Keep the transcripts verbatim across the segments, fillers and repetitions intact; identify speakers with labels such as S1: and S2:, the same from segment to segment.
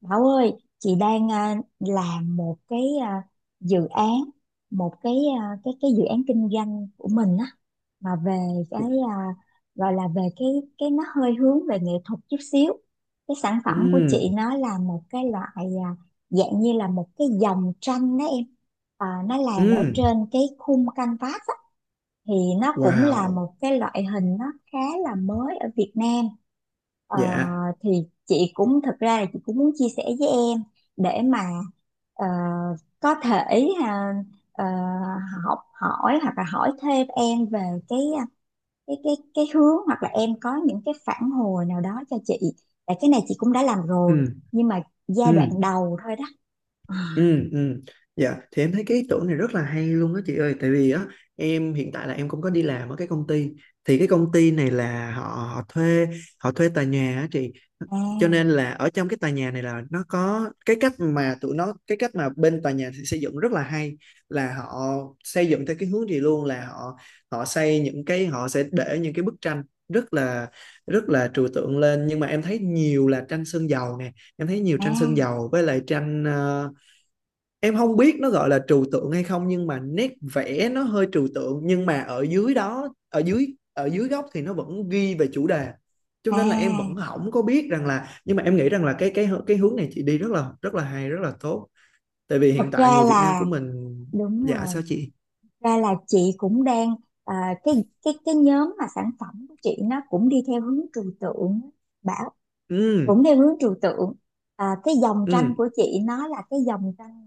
S1: Bảo ơi, chị đang à, làm một cái à, dự án, một cái à, cái cái dự án kinh doanh của mình á, mà về cái à, gọi là về cái cái nó hơi hướng về nghệ thuật chút xíu. Cái sản phẩm của chị
S2: Ừm.
S1: nó là một cái loại, à, dạng như là một cái dòng tranh đó em. À, nó làm ở
S2: Ừm.
S1: trên cái khung canvas á, thì nó cũng là
S2: Wow.
S1: một cái loại hình nó khá là mới ở Việt Nam. Ờ,
S2: Dạ.
S1: thì chị cũng thật ra là chị cũng muốn chia sẻ với em để mà ờ, có thể, à, ờ, học hỏi hoặc là hỏi thêm em về cái à, cái cái cái hướng, hoặc là em có những cái phản hồi nào đó cho chị, tại cái này chị cũng đã làm rồi
S2: Ừm.
S1: nhưng mà giai đoạn
S2: Ừm.
S1: đầu thôi đó à
S2: Ừm. Ừm. Dạ, thì em thấy cái ý tưởng này rất là hay luôn đó chị ơi, tại vì á, em hiện tại là em cũng có đi làm ở cái công ty, thì cái công ty này là họ họ thuê, họ thuê tòa nhà á chị, cho
S1: à
S2: nên là ở trong cái tòa nhà này là nó có cái cách mà tụi nó cái cách mà bên tòa nhà xây dựng rất là hay, là họ xây dựng theo cái hướng gì luôn, là họ họ xây những cái, họ sẽ để những cái bức tranh rất là rất là trừu tượng lên, nhưng mà em thấy nhiều là tranh sơn dầu nè, em thấy nhiều tranh sơn
S1: à
S2: dầu với lại tranh ờ, em không biết nó gọi là trừu tượng hay không, nhưng mà nét vẽ nó hơi trừu tượng, nhưng mà ở dưới đó ở dưới ở dưới góc thì nó vẫn ghi về chủ đề, cho nên là em vẫn
S1: à.
S2: không có biết rằng là, nhưng mà em nghĩ rằng là cái cái cái hướng này chị đi rất là rất là hay rất là tốt, tại vì
S1: Thật
S2: hiện tại
S1: ra
S2: người Việt Nam của
S1: là
S2: mình.
S1: đúng
S2: Dạ,
S1: rồi,
S2: sao chị?
S1: ra là chị cũng đang à, cái cái cái nhóm mà sản phẩm của chị nó cũng đi theo hướng trừu tượng. Bảo
S2: Ừ.
S1: cũng theo hướng trừu tượng. À, cái dòng tranh
S2: Ừ.
S1: của chị nó là cái dòng tranh,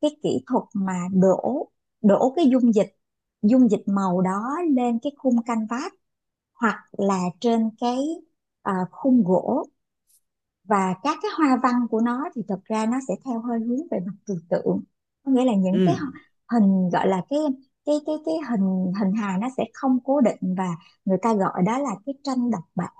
S1: cái kỹ thuật mà đổ đổ cái dung dịch dung dịch màu đó lên cái khung canvas, hoặc là trên cái à, khung gỗ. Và các cái hoa văn của nó thì thật ra nó sẽ theo hơi hướng về mặt trừu tượng, có nghĩa là những cái
S2: Ừ.
S1: hình, gọi là cái cái cái cái hình, hình hài nó sẽ không cố định, và người ta gọi đó là cái tranh độc bản.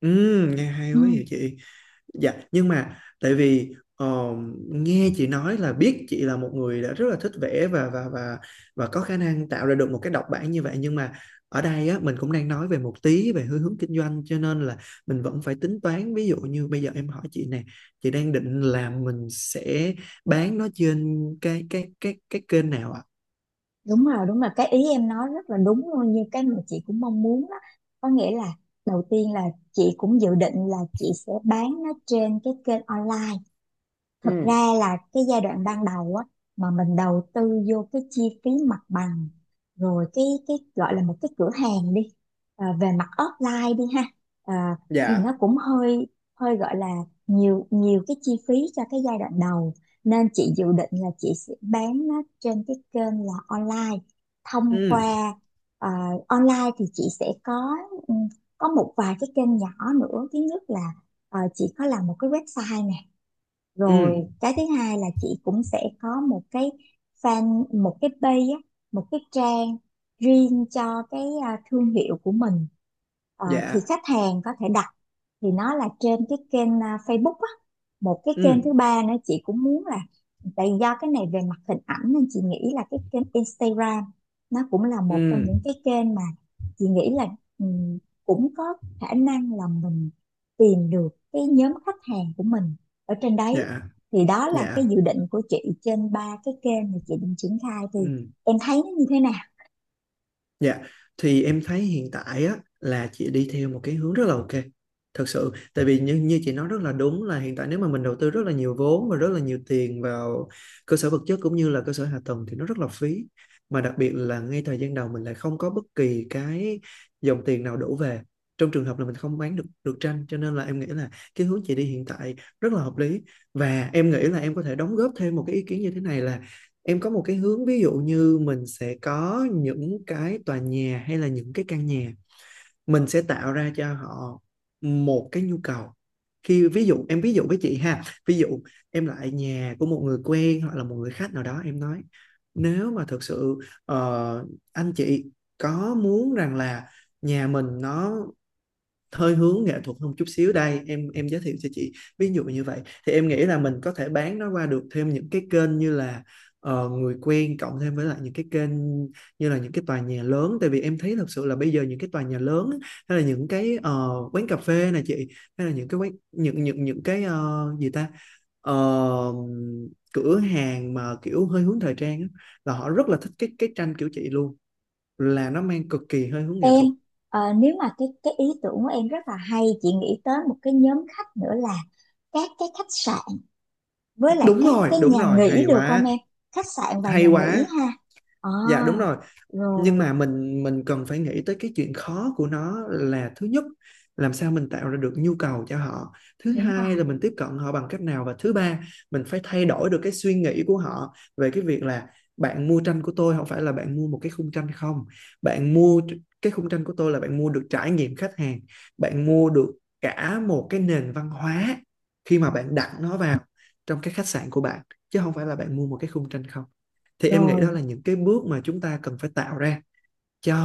S2: Ừ. Nghe hay quá
S1: Ừ,
S2: vậy chị. Dạ, nhưng mà tại vì ờ, nghe chị nói là biết chị là một người đã rất là thích vẽ và và và và có khả năng tạo ra được một cái độc bản như vậy, nhưng mà ở đây á mình cũng đang nói về một tí về hướng hướng kinh doanh, cho nên là mình vẫn phải tính toán, ví dụ như bây giờ em hỏi chị nè, chị đang định là mình sẽ bán nó trên cái cái cái cái kênh nào ạ?
S1: đúng rồi, đúng rồi, cái ý em nói rất là đúng luôn, như cái mà chị cũng mong muốn đó. Có nghĩa là đầu tiên là chị cũng dự định là chị sẽ bán nó trên cái kênh online. Thật
S2: Ừ.
S1: ra là cái giai đoạn ban đầu á, mà mình đầu tư vô cái chi phí mặt bằng, rồi cái cái gọi là một cái cửa hàng đi, ờ, về mặt offline đi ha. Ờ, thì
S2: Dạ.
S1: nó cũng hơi, hơi gọi là nhiều, nhiều cái chi phí cho cái giai đoạn đầu, nên chị dự định là chị sẽ bán nó trên cái kênh là online thông
S2: Ừ.
S1: qua, ờ, online thì chị sẽ có, ừ, có một vài cái kênh nhỏ nữa. Thứ nhất là, ờ, chị có làm một cái website nè.
S2: Ừ.
S1: Rồi cái thứ hai là chị cũng sẽ có một cái fan, một cái page á, một cái trang riêng cho cái à, thương hiệu của mình. Ờ, thì
S2: Dạ.
S1: khách hàng có thể đặt, thì nó là trên cái kênh à, Facebook á. Một cái kênh
S2: Ừ.
S1: thứ ba nữa chị cũng muốn là, tại do cái này về mặt hình ảnh nên chị nghĩ là cái kênh Instagram, nó cũng là một trong
S2: Ừ.
S1: những cái kênh mà chị nghĩ là ừm, cũng có khả năng là mình tìm được cái nhóm khách hàng của mình ở trên đấy.
S2: Dạ.
S1: Thì đó là cái
S2: Dạ.
S1: dự định của chị trên ba cái kênh mà chị định triển khai. Thì
S2: Ừ.
S1: em thấy nó như thế nào?
S2: Dạ, thì em thấy hiện tại á là chị đi theo một cái hướng rất là ok. Thật sự, tại vì như như chị nói rất là đúng là hiện tại nếu mà mình đầu tư rất là nhiều vốn và rất là nhiều tiền vào cơ sở vật chất cũng như là cơ sở hạ tầng thì nó rất là phí. Mà đặc biệt là ngay thời gian đầu mình lại không có bất kỳ cái dòng tiền nào đổ về. Trong trường hợp là mình không bán được được tranh, cho nên là em nghĩ là cái hướng chị đi hiện tại rất là hợp lý, và em nghĩ là em có thể đóng góp thêm một cái ý kiến như thế này là em có một cái hướng, ví dụ như mình sẽ có những cái tòa nhà hay là những cái căn nhà, mình sẽ tạo ra cho họ một cái nhu cầu, khi ví dụ em ví dụ với chị ha, ví dụ em lại nhà của một người quen hoặc là một người khách nào đó, em nói nếu mà thực sự ờ, anh chị có muốn rằng là nhà mình nó hơi hướng nghệ thuật hơn chút xíu, đây em em giới thiệu cho chị, ví dụ như vậy, thì em nghĩ là mình có thể bán nó qua được thêm những cái kênh như là ờ, người quen, cộng thêm với lại những cái kênh như là những cái tòa nhà lớn, tại vì em thấy thật sự là bây giờ những cái tòa nhà lớn hay là những cái ờ, quán cà phê này chị, hay là những cái quán, những những những cái ờ, gì ta Ờ, cửa hàng mà kiểu hơi hướng thời trang á, là họ rất là thích cái cái tranh kiểu chị luôn, là nó mang cực kỳ hơi hướng nghệ
S1: Em,
S2: thuật.
S1: ờ, nếu mà cái cái ý tưởng của em rất là hay, chị nghĩ tới một cái nhóm khách nữa là các cái khách sạn với lại
S2: Đúng
S1: các
S2: rồi,
S1: cái
S2: đúng
S1: nhà
S2: rồi,
S1: nghỉ,
S2: hay
S1: được không
S2: quá.
S1: em? Khách sạn và
S2: Hay
S1: nhà nghỉ
S2: quá.
S1: ha. À,
S2: Dạ, đúng rồi. Nhưng
S1: rồi.
S2: mà mình mình cần phải nghĩ tới cái chuyện khó của nó là thứ nhất, làm sao mình tạo ra được nhu cầu cho họ. Thứ
S1: Đúng
S2: hai
S1: rồi.
S2: là mình tiếp cận họ bằng cách nào, và thứ ba, mình phải thay đổi được cái suy nghĩ của họ về cái việc là bạn mua tranh của tôi không phải là bạn mua một cái khung tranh không. Bạn mua cái khung tranh của tôi là bạn mua được trải nghiệm khách hàng, bạn mua được cả một cái nền văn hóa khi mà bạn đặt nó vào trong cái khách sạn của bạn, chứ không phải là bạn mua một cái khung tranh không, thì em nghĩ đó
S1: Rồi.
S2: là những cái bước mà chúng ta cần phải tạo ra cho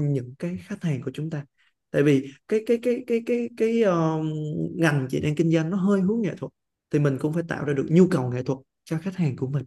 S2: những cái khách hàng của chúng ta, tại vì cái cái cái cái cái cái ờ, ngành chị đang kinh doanh nó hơi hướng nghệ thuật, thì mình cũng phải tạo ra được nhu cầu nghệ thuật cho khách hàng của mình.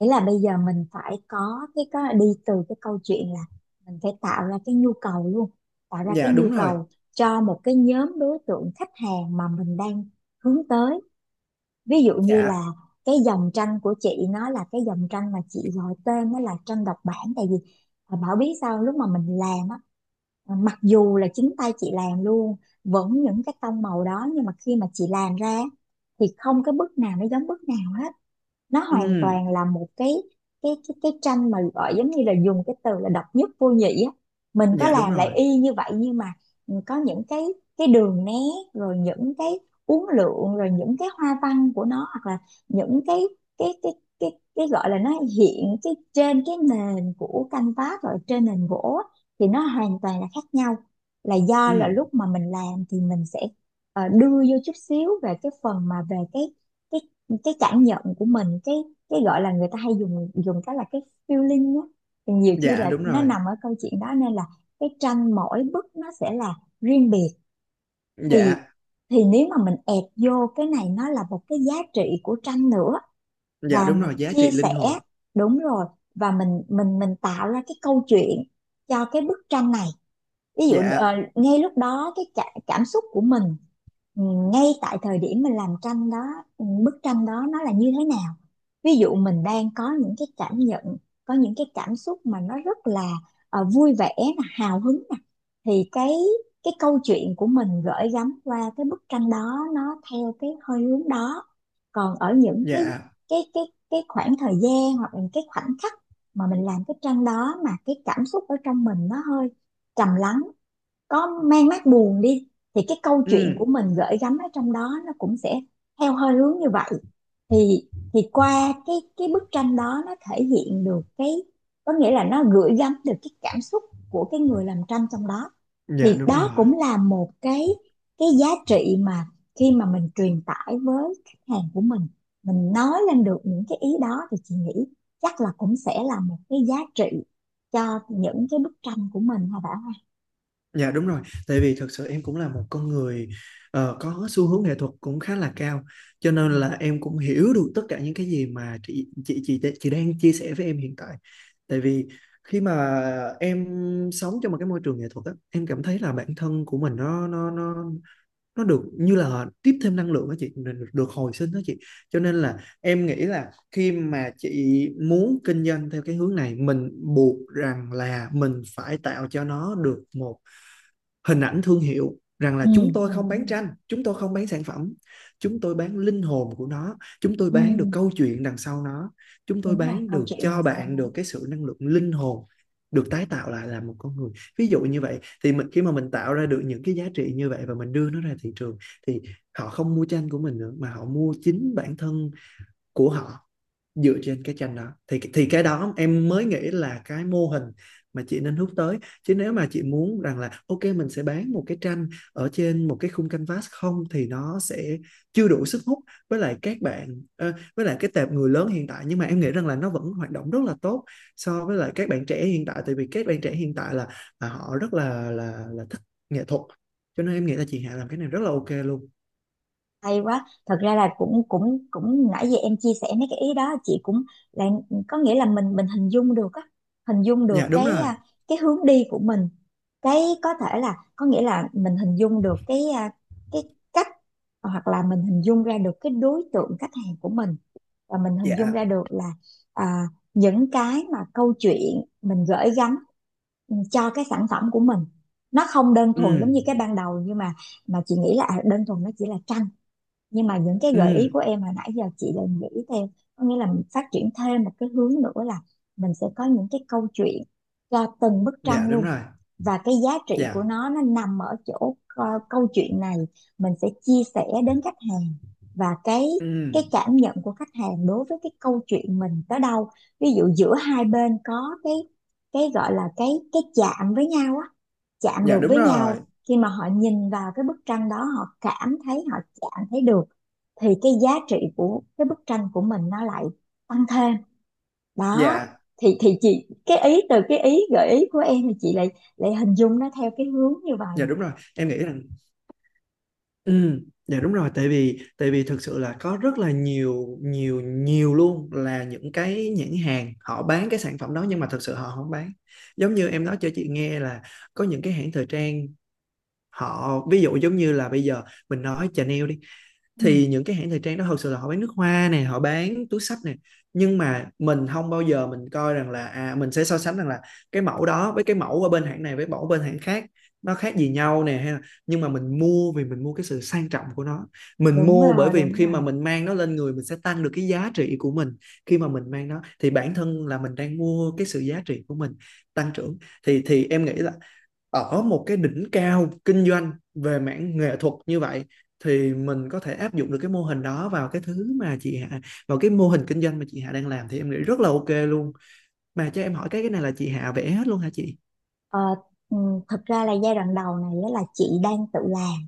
S1: Nghĩa là bây giờ mình phải có cái, có đi từ cái câu chuyện là mình phải tạo ra cái nhu cầu luôn, tạo ra cái
S2: Dạ,
S1: nhu
S2: đúng rồi.
S1: cầu cho một cái nhóm đối tượng khách hàng mà mình đang hướng tới. Ví dụ như là
S2: Dạ.
S1: cái dòng tranh của chị nó là cái dòng tranh mà chị gọi tên nó là tranh độc bản. Tại vì à, Bảo biết sao lúc mà mình làm á, à, mặc dù là chính tay chị làm luôn vẫn những cái tông màu đó, nhưng mà khi mà chị làm ra thì không cái bức nào nó giống bức nào hết. Nó hoàn
S2: Ừ.
S1: toàn là một cái cái cái cái tranh mà gọi giống như là dùng cái từ là độc nhất vô nhị á, mình có
S2: Dạ, đúng
S1: làm lại
S2: rồi.
S1: y như vậy nhưng mà, ừ, có những cái cái đường nét, rồi những cái uốn lượn, rồi những cái hoa văn của nó, hoặc là những cái cái cái cái cái gọi là nó hiện cái trên cái nền của canvas rồi trên nền gỗ á, thì nó hoàn toàn là khác nhau. Là do là
S2: Ừ.
S1: lúc mà mình làm thì mình sẽ, ờ, đưa vô chút xíu về cái phần mà về cái cái cái cảm nhận của mình, cái cái gọi là người ta hay dùng dùng cái là cái feeling á, thì nhiều khi
S2: Dạ,
S1: là
S2: đúng
S1: nó
S2: rồi.
S1: nằm ở câu chuyện đó nên là cái tranh mỗi bức nó sẽ là riêng biệt. thì
S2: Dạ.
S1: thì nếu mà mình ép vô cái này nó là một cái giá trị của tranh nữa,
S2: Dạ,
S1: và
S2: đúng
S1: mình
S2: rồi, giá
S1: chia
S2: trị linh
S1: sẻ.
S2: hồn.
S1: Đúng rồi. Và mình mình mình tạo ra cái câu chuyện cho cái bức tranh này. Ví dụ ờ,
S2: Dạ.
S1: ngay lúc đó cái cả, cảm xúc của mình, ừ, ngay tại thời điểm mình làm tranh đó. Ừ, bức tranh đó nó là như thế nào? Ví dụ mình đang có những cái cảm nhận, có những cái cảm xúc mà nó rất là ờ, vui vẻ nè, hào hứng nè, thì cái cái câu chuyện của mình gửi gắm qua cái bức tranh đó nó theo cái hơi hướng đó. Còn ở những cái
S2: Dạ.
S1: cái cái cái khoảng thời gian hoặc là cái khoảnh khắc mà mình làm cái tranh đó mà cái cảm xúc ở trong mình nó hơi trầm lắng, có mang mát buồn đi, thì cái câu chuyện của
S2: Ừ.
S1: mình gửi gắm ở trong đó nó cũng sẽ theo hơi hướng như vậy. Thì thì qua cái cái bức tranh đó nó thể hiện được cái, có nghĩa là nó gửi gắm được cái cảm xúc của cái người làm tranh trong đó.
S2: Dạ,
S1: Thì
S2: đúng rồi.
S1: đó cũng là một cái cái giá trị mà khi mà mình truyền tải với khách hàng của mình mình nói lên được những cái ý đó, thì chị nghĩ chắc là cũng sẽ là một cái giá trị cho những cái bức tranh của mình, hả Bảo ha?
S2: Dạ đúng rồi, tại vì thật sự em cũng là một con người ờ, có xu hướng nghệ thuật cũng khá là cao, cho nên là em cũng hiểu được tất cả những cái gì mà chị chị chị chị đang chia sẻ với em hiện tại. Tại vì khi mà em sống trong một cái môi trường nghệ thuật á, em cảm thấy là bản thân của mình nó nó nó nó được như là tiếp thêm năng lượng đó chị, được được hồi sinh đó chị. Cho nên là em nghĩ là khi mà chị muốn kinh doanh theo cái hướng này, mình buộc rằng là mình phải tạo cho nó được một hình ảnh thương hiệu rằng
S1: Ừ.
S2: là chúng
S1: Ừ,
S2: tôi không
S1: ừ,
S2: bán tranh, chúng tôi không bán sản phẩm, chúng tôi bán linh hồn của nó, chúng tôi
S1: ừ,
S2: bán được câu chuyện đằng sau nó, chúng tôi
S1: đúng là
S2: bán
S1: câu
S2: được
S1: chuyện
S2: cho
S1: làm sao.
S2: bạn được cái sự năng lượng linh hồn được tái tạo lại là một con người. Ví dụ như vậy, thì mình khi mà mình tạo ra được những cái giá trị như vậy và mình đưa nó ra thị trường, thì họ không mua tranh của mình nữa mà họ mua chính bản thân của họ dựa trên cái tranh đó, thì thì cái đó em mới nghĩ là cái mô hình mà chị nên hướng tới, chứ nếu mà chị muốn rằng là ok mình sẽ bán một cái tranh ở trên một cái khung canvas không thì nó sẽ chưa đủ sức hút với lại các bạn ờ, với lại cái tệp người lớn hiện tại, nhưng mà em nghĩ rằng là nó vẫn hoạt động rất là tốt so với lại các bạn trẻ hiện tại, tại vì các bạn trẻ hiện tại là, là họ rất là là là thích nghệ thuật, cho nên em nghĩ là chị Hạ làm cái này rất là ok luôn.
S1: Hay quá. Thật ra là cũng cũng cũng nãy giờ em chia sẻ mấy cái ý đó chị cũng là, có nghĩa là mình mình hình dung được á, hình dung được
S2: Dạ đúng
S1: cái
S2: rồi.
S1: à, cái hướng đi của mình. Cái có thể là, có nghĩa là mình hình dung được cái à, cái cách, hoặc là mình hình dung ra được cái đối tượng khách hàng của mình, và mình hình dung ra
S2: Dạ.
S1: được là à, những cái mà câu chuyện mình gửi gắm, ừ, cho cái sản phẩm của mình, nó không đơn thuần
S2: Ừ.
S1: giống như cái ban đầu, nhưng mà mà chị nghĩ là, à, đơn thuần nó chỉ là tranh. Nhưng mà những cái gợi ý
S2: Ừ.
S1: của em hồi nãy giờ chị đều nghĩ theo, có nghĩa là mình phát triển thêm một cái hướng nữa là mình sẽ có những cái câu chuyện cho từng bức
S2: Dạ,
S1: tranh
S2: đúng
S1: luôn.
S2: rồi.
S1: Và cái giá trị của
S2: Dạ.
S1: nó nó nằm ở chỗ ờ, câu chuyện này mình sẽ chia sẻ đến khách hàng. Và cái cái
S2: Ừm,
S1: cảm nhận của khách hàng đối với cái câu chuyện mình tới đâu, ví dụ giữa hai bên có cái cái gọi là cái cái chạm với nhau á, chạm
S2: dạ,
S1: được
S2: đúng
S1: với
S2: rồi.
S1: nhau. Khi mà họ nhìn vào cái bức tranh đó, họ cảm thấy, họ chạm thấy được, thì cái giá trị của cái bức tranh của mình nó lại tăng thêm đó.
S2: Dạ,
S1: Thì thì chị, cái ý từ cái ý gợi ý của em, thì chị lại lại hình dung nó theo cái hướng như
S2: dạ,
S1: vậy.
S2: đúng rồi. Em nghĩ rằng ừm, dạ, đúng rồi, tại vì tại vì thực sự là có rất là nhiều nhiều nhiều luôn là những cái nhãn hàng họ bán cái sản phẩm đó nhưng mà thực sự họ không bán. Giống như em nói cho chị nghe là có những cái hãng thời trang, họ ví dụ giống như là bây giờ mình nói Chanel đi,
S1: Ừ,
S2: thì những cái hãng thời trang đó thật sự là họ bán nước hoa nè, họ bán túi xách nè, nhưng mà mình không bao giờ mình coi rằng là à mình sẽ so sánh rằng là cái mẫu đó với cái mẫu ở bên hãng này với mẫu bên hãng khác nó khác gì nhau nè, hay là, nhưng mà mình mua vì mình mua cái sự sang trọng của nó, mình
S1: đúng
S2: mua bởi
S1: rồi,
S2: vì
S1: đúng
S2: khi mà
S1: rồi.
S2: mình mang nó lên người, mình sẽ tăng được cái giá trị của mình, khi mà mình mang nó thì bản thân là mình đang mua cái sự giá trị của mình tăng trưởng, thì thì em nghĩ là ở một cái đỉnh cao kinh doanh về mảng nghệ thuật như vậy thì mình có thể áp dụng được cái mô hình đó vào cái thứ mà chị Hạ, vào cái mô hình kinh doanh mà chị Hạ đang làm, thì em nghĩ rất là ok luôn. Mà cho em hỏi cái cái này là chị Hạ vẽ hết luôn hả chị?
S1: ờ, ừ, Thật ra là giai đoạn đầu này á là chị đang tự làm,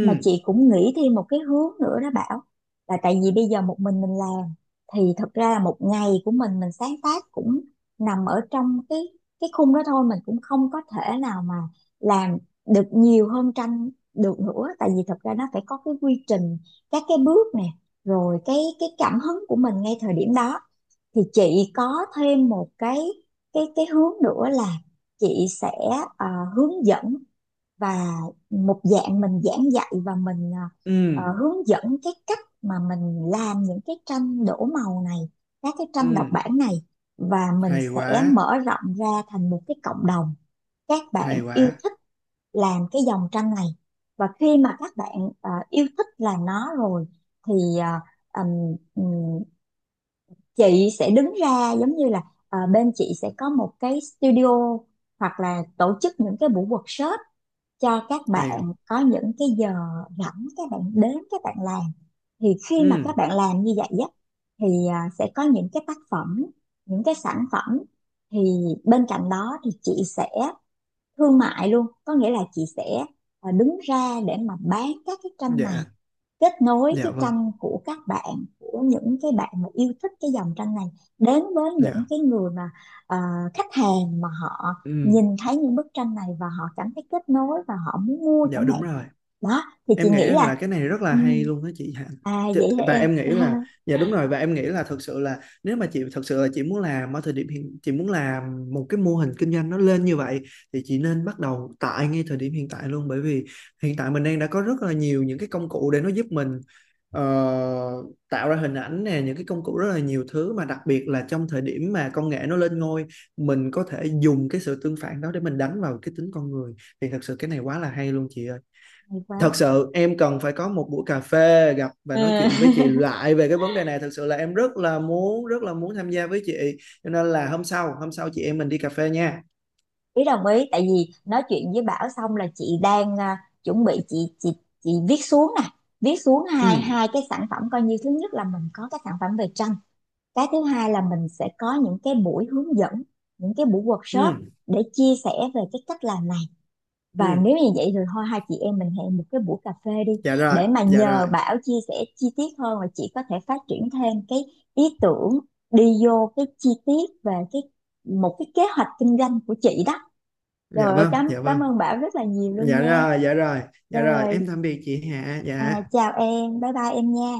S1: mà chị cũng nghĩ thêm một cái hướng nữa đó Bảo. Là tại vì bây giờ một mình mình làm thì thật ra là một ngày của mình mình sáng tác cũng nằm ở trong cái cái khung đó thôi, mình cũng không có thể nào mà làm được nhiều hơn tranh được nữa, tại vì thật ra nó phải có cái quy trình, các cái bước nè, rồi cái cái cảm hứng của mình ngay thời điểm đó. Thì chị có thêm một cái cái cái hướng nữa là chị sẽ, ờ, hướng dẫn và một dạng mình giảng dạy và mình, à,
S2: Ừ.
S1: ờ, hướng dẫn cái cách mà mình làm những cái tranh đổ màu này, các cái
S2: Ừ.
S1: tranh độc bản này. Và mình
S2: Hay
S1: sẽ
S2: quá.
S1: mở rộng ra thành một cái cộng đồng các bạn
S2: Hay
S1: yêu
S2: quá.
S1: thích làm cái dòng tranh này. Và khi mà các bạn ờ, yêu thích làm nó rồi thì, ờ, ừm, ừm, chị sẽ đứng ra giống như là, ờ, bên chị sẽ có một cái studio hoặc là tổ chức những cái buổi workshop cho các
S2: Hay.
S1: bạn có những cái giờ rảnh, các bạn đến các bạn làm. Thì khi mà
S2: Ừ.
S1: các bạn làm như vậy á, thì à, sẽ có những cái tác phẩm, những cái sản phẩm. Thì bên cạnh đó thì chị sẽ thương mại luôn, có nghĩa là chị sẽ à, đứng ra để mà bán các cái tranh này,
S2: Dạ.
S1: kết nối cái
S2: Dạ vâng.
S1: tranh của các bạn, của những cái bạn mà yêu thích cái dòng tranh này, đến với những
S2: Dạ.
S1: cái người mà, ờ, khách hàng mà họ
S2: Ừ.
S1: nhìn thấy những bức tranh này và họ cảm thấy kết nối và họ muốn mua
S2: Dạ
S1: chẳng
S2: đúng
S1: hạn.
S2: rồi,
S1: Đó, thì chị
S2: em nghĩ
S1: nghĩ
S2: rằng là
S1: là,
S2: cái này rất là
S1: ừ,
S2: hay luôn đó chị Hạnh.
S1: à
S2: Chị-
S1: vậy hả
S2: và
S1: em?
S2: em nghĩ là, dạ đúng rồi, và em nghĩ là thực sự là nếu mà chị thực sự là chị muốn làm ở thời điểm hiện, chị muốn làm một cái mô hình kinh doanh nó lên như vậy, thì chị nên bắt đầu tại ngay thời điểm hiện tại luôn, bởi vì hiện tại mình đang đã có rất là nhiều những cái công cụ để nó giúp mình ờ, tạo ra hình ảnh nè, những cái công cụ rất là nhiều thứ mà đặc biệt là trong thời điểm mà công nghệ nó lên ngôi, mình có thể dùng cái sự tương phản đó để mình đánh vào cái tính con người, thì thật sự cái này quá là hay luôn chị ơi.
S1: Hay
S2: Thật
S1: quá.
S2: sự em cần phải có một buổi cà phê gặp và nói
S1: Ừ.
S2: chuyện với chị lại về cái vấn đề này, thật sự là em rất là muốn rất là muốn tham gia với chị, cho nên là hôm sau hôm sau chị em mình đi cà phê nha.
S1: Ý, đồng ý, tại vì nói chuyện với Bảo xong là chị đang, à, chuẩn bị, chị chị chị viết xuống nè, viết xuống hai
S2: Ừ.
S1: hai cái sản phẩm coi như, thứ nhất là mình có cái sản phẩm về tranh, cái thứ hai là mình sẽ có những cái buổi hướng dẫn, những cái buổi workshop
S2: Ừ.
S1: để chia sẻ về cái cách làm này. Và
S2: Ừ.
S1: nếu như vậy thì thôi, hai chị em mình hẹn một cái buổi cà phê đi,
S2: Dạ rồi.
S1: để mà
S2: Dạ rồi.
S1: nhờ Bảo chia sẻ chi tiết hơn và chị có thể phát triển thêm cái ý tưởng, đi vô cái chi tiết về cái, một cái kế hoạch kinh doanh của chị đó. Trời
S2: Dạ
S1: ơi,
S2: vâng.
S1: cảm
S2: Dạ vâng.
S1: cảm ơn Bảo rất là nhiều luôn
S2: Dạ
S1: nha.
S2: rồi. Dạ rồi. Dạ rồi,
S1: Rồi,
S2: em tạm biệt chị Hạ.
S1: à,
S2: Dạ.
S1: chào em, bye bye em nha.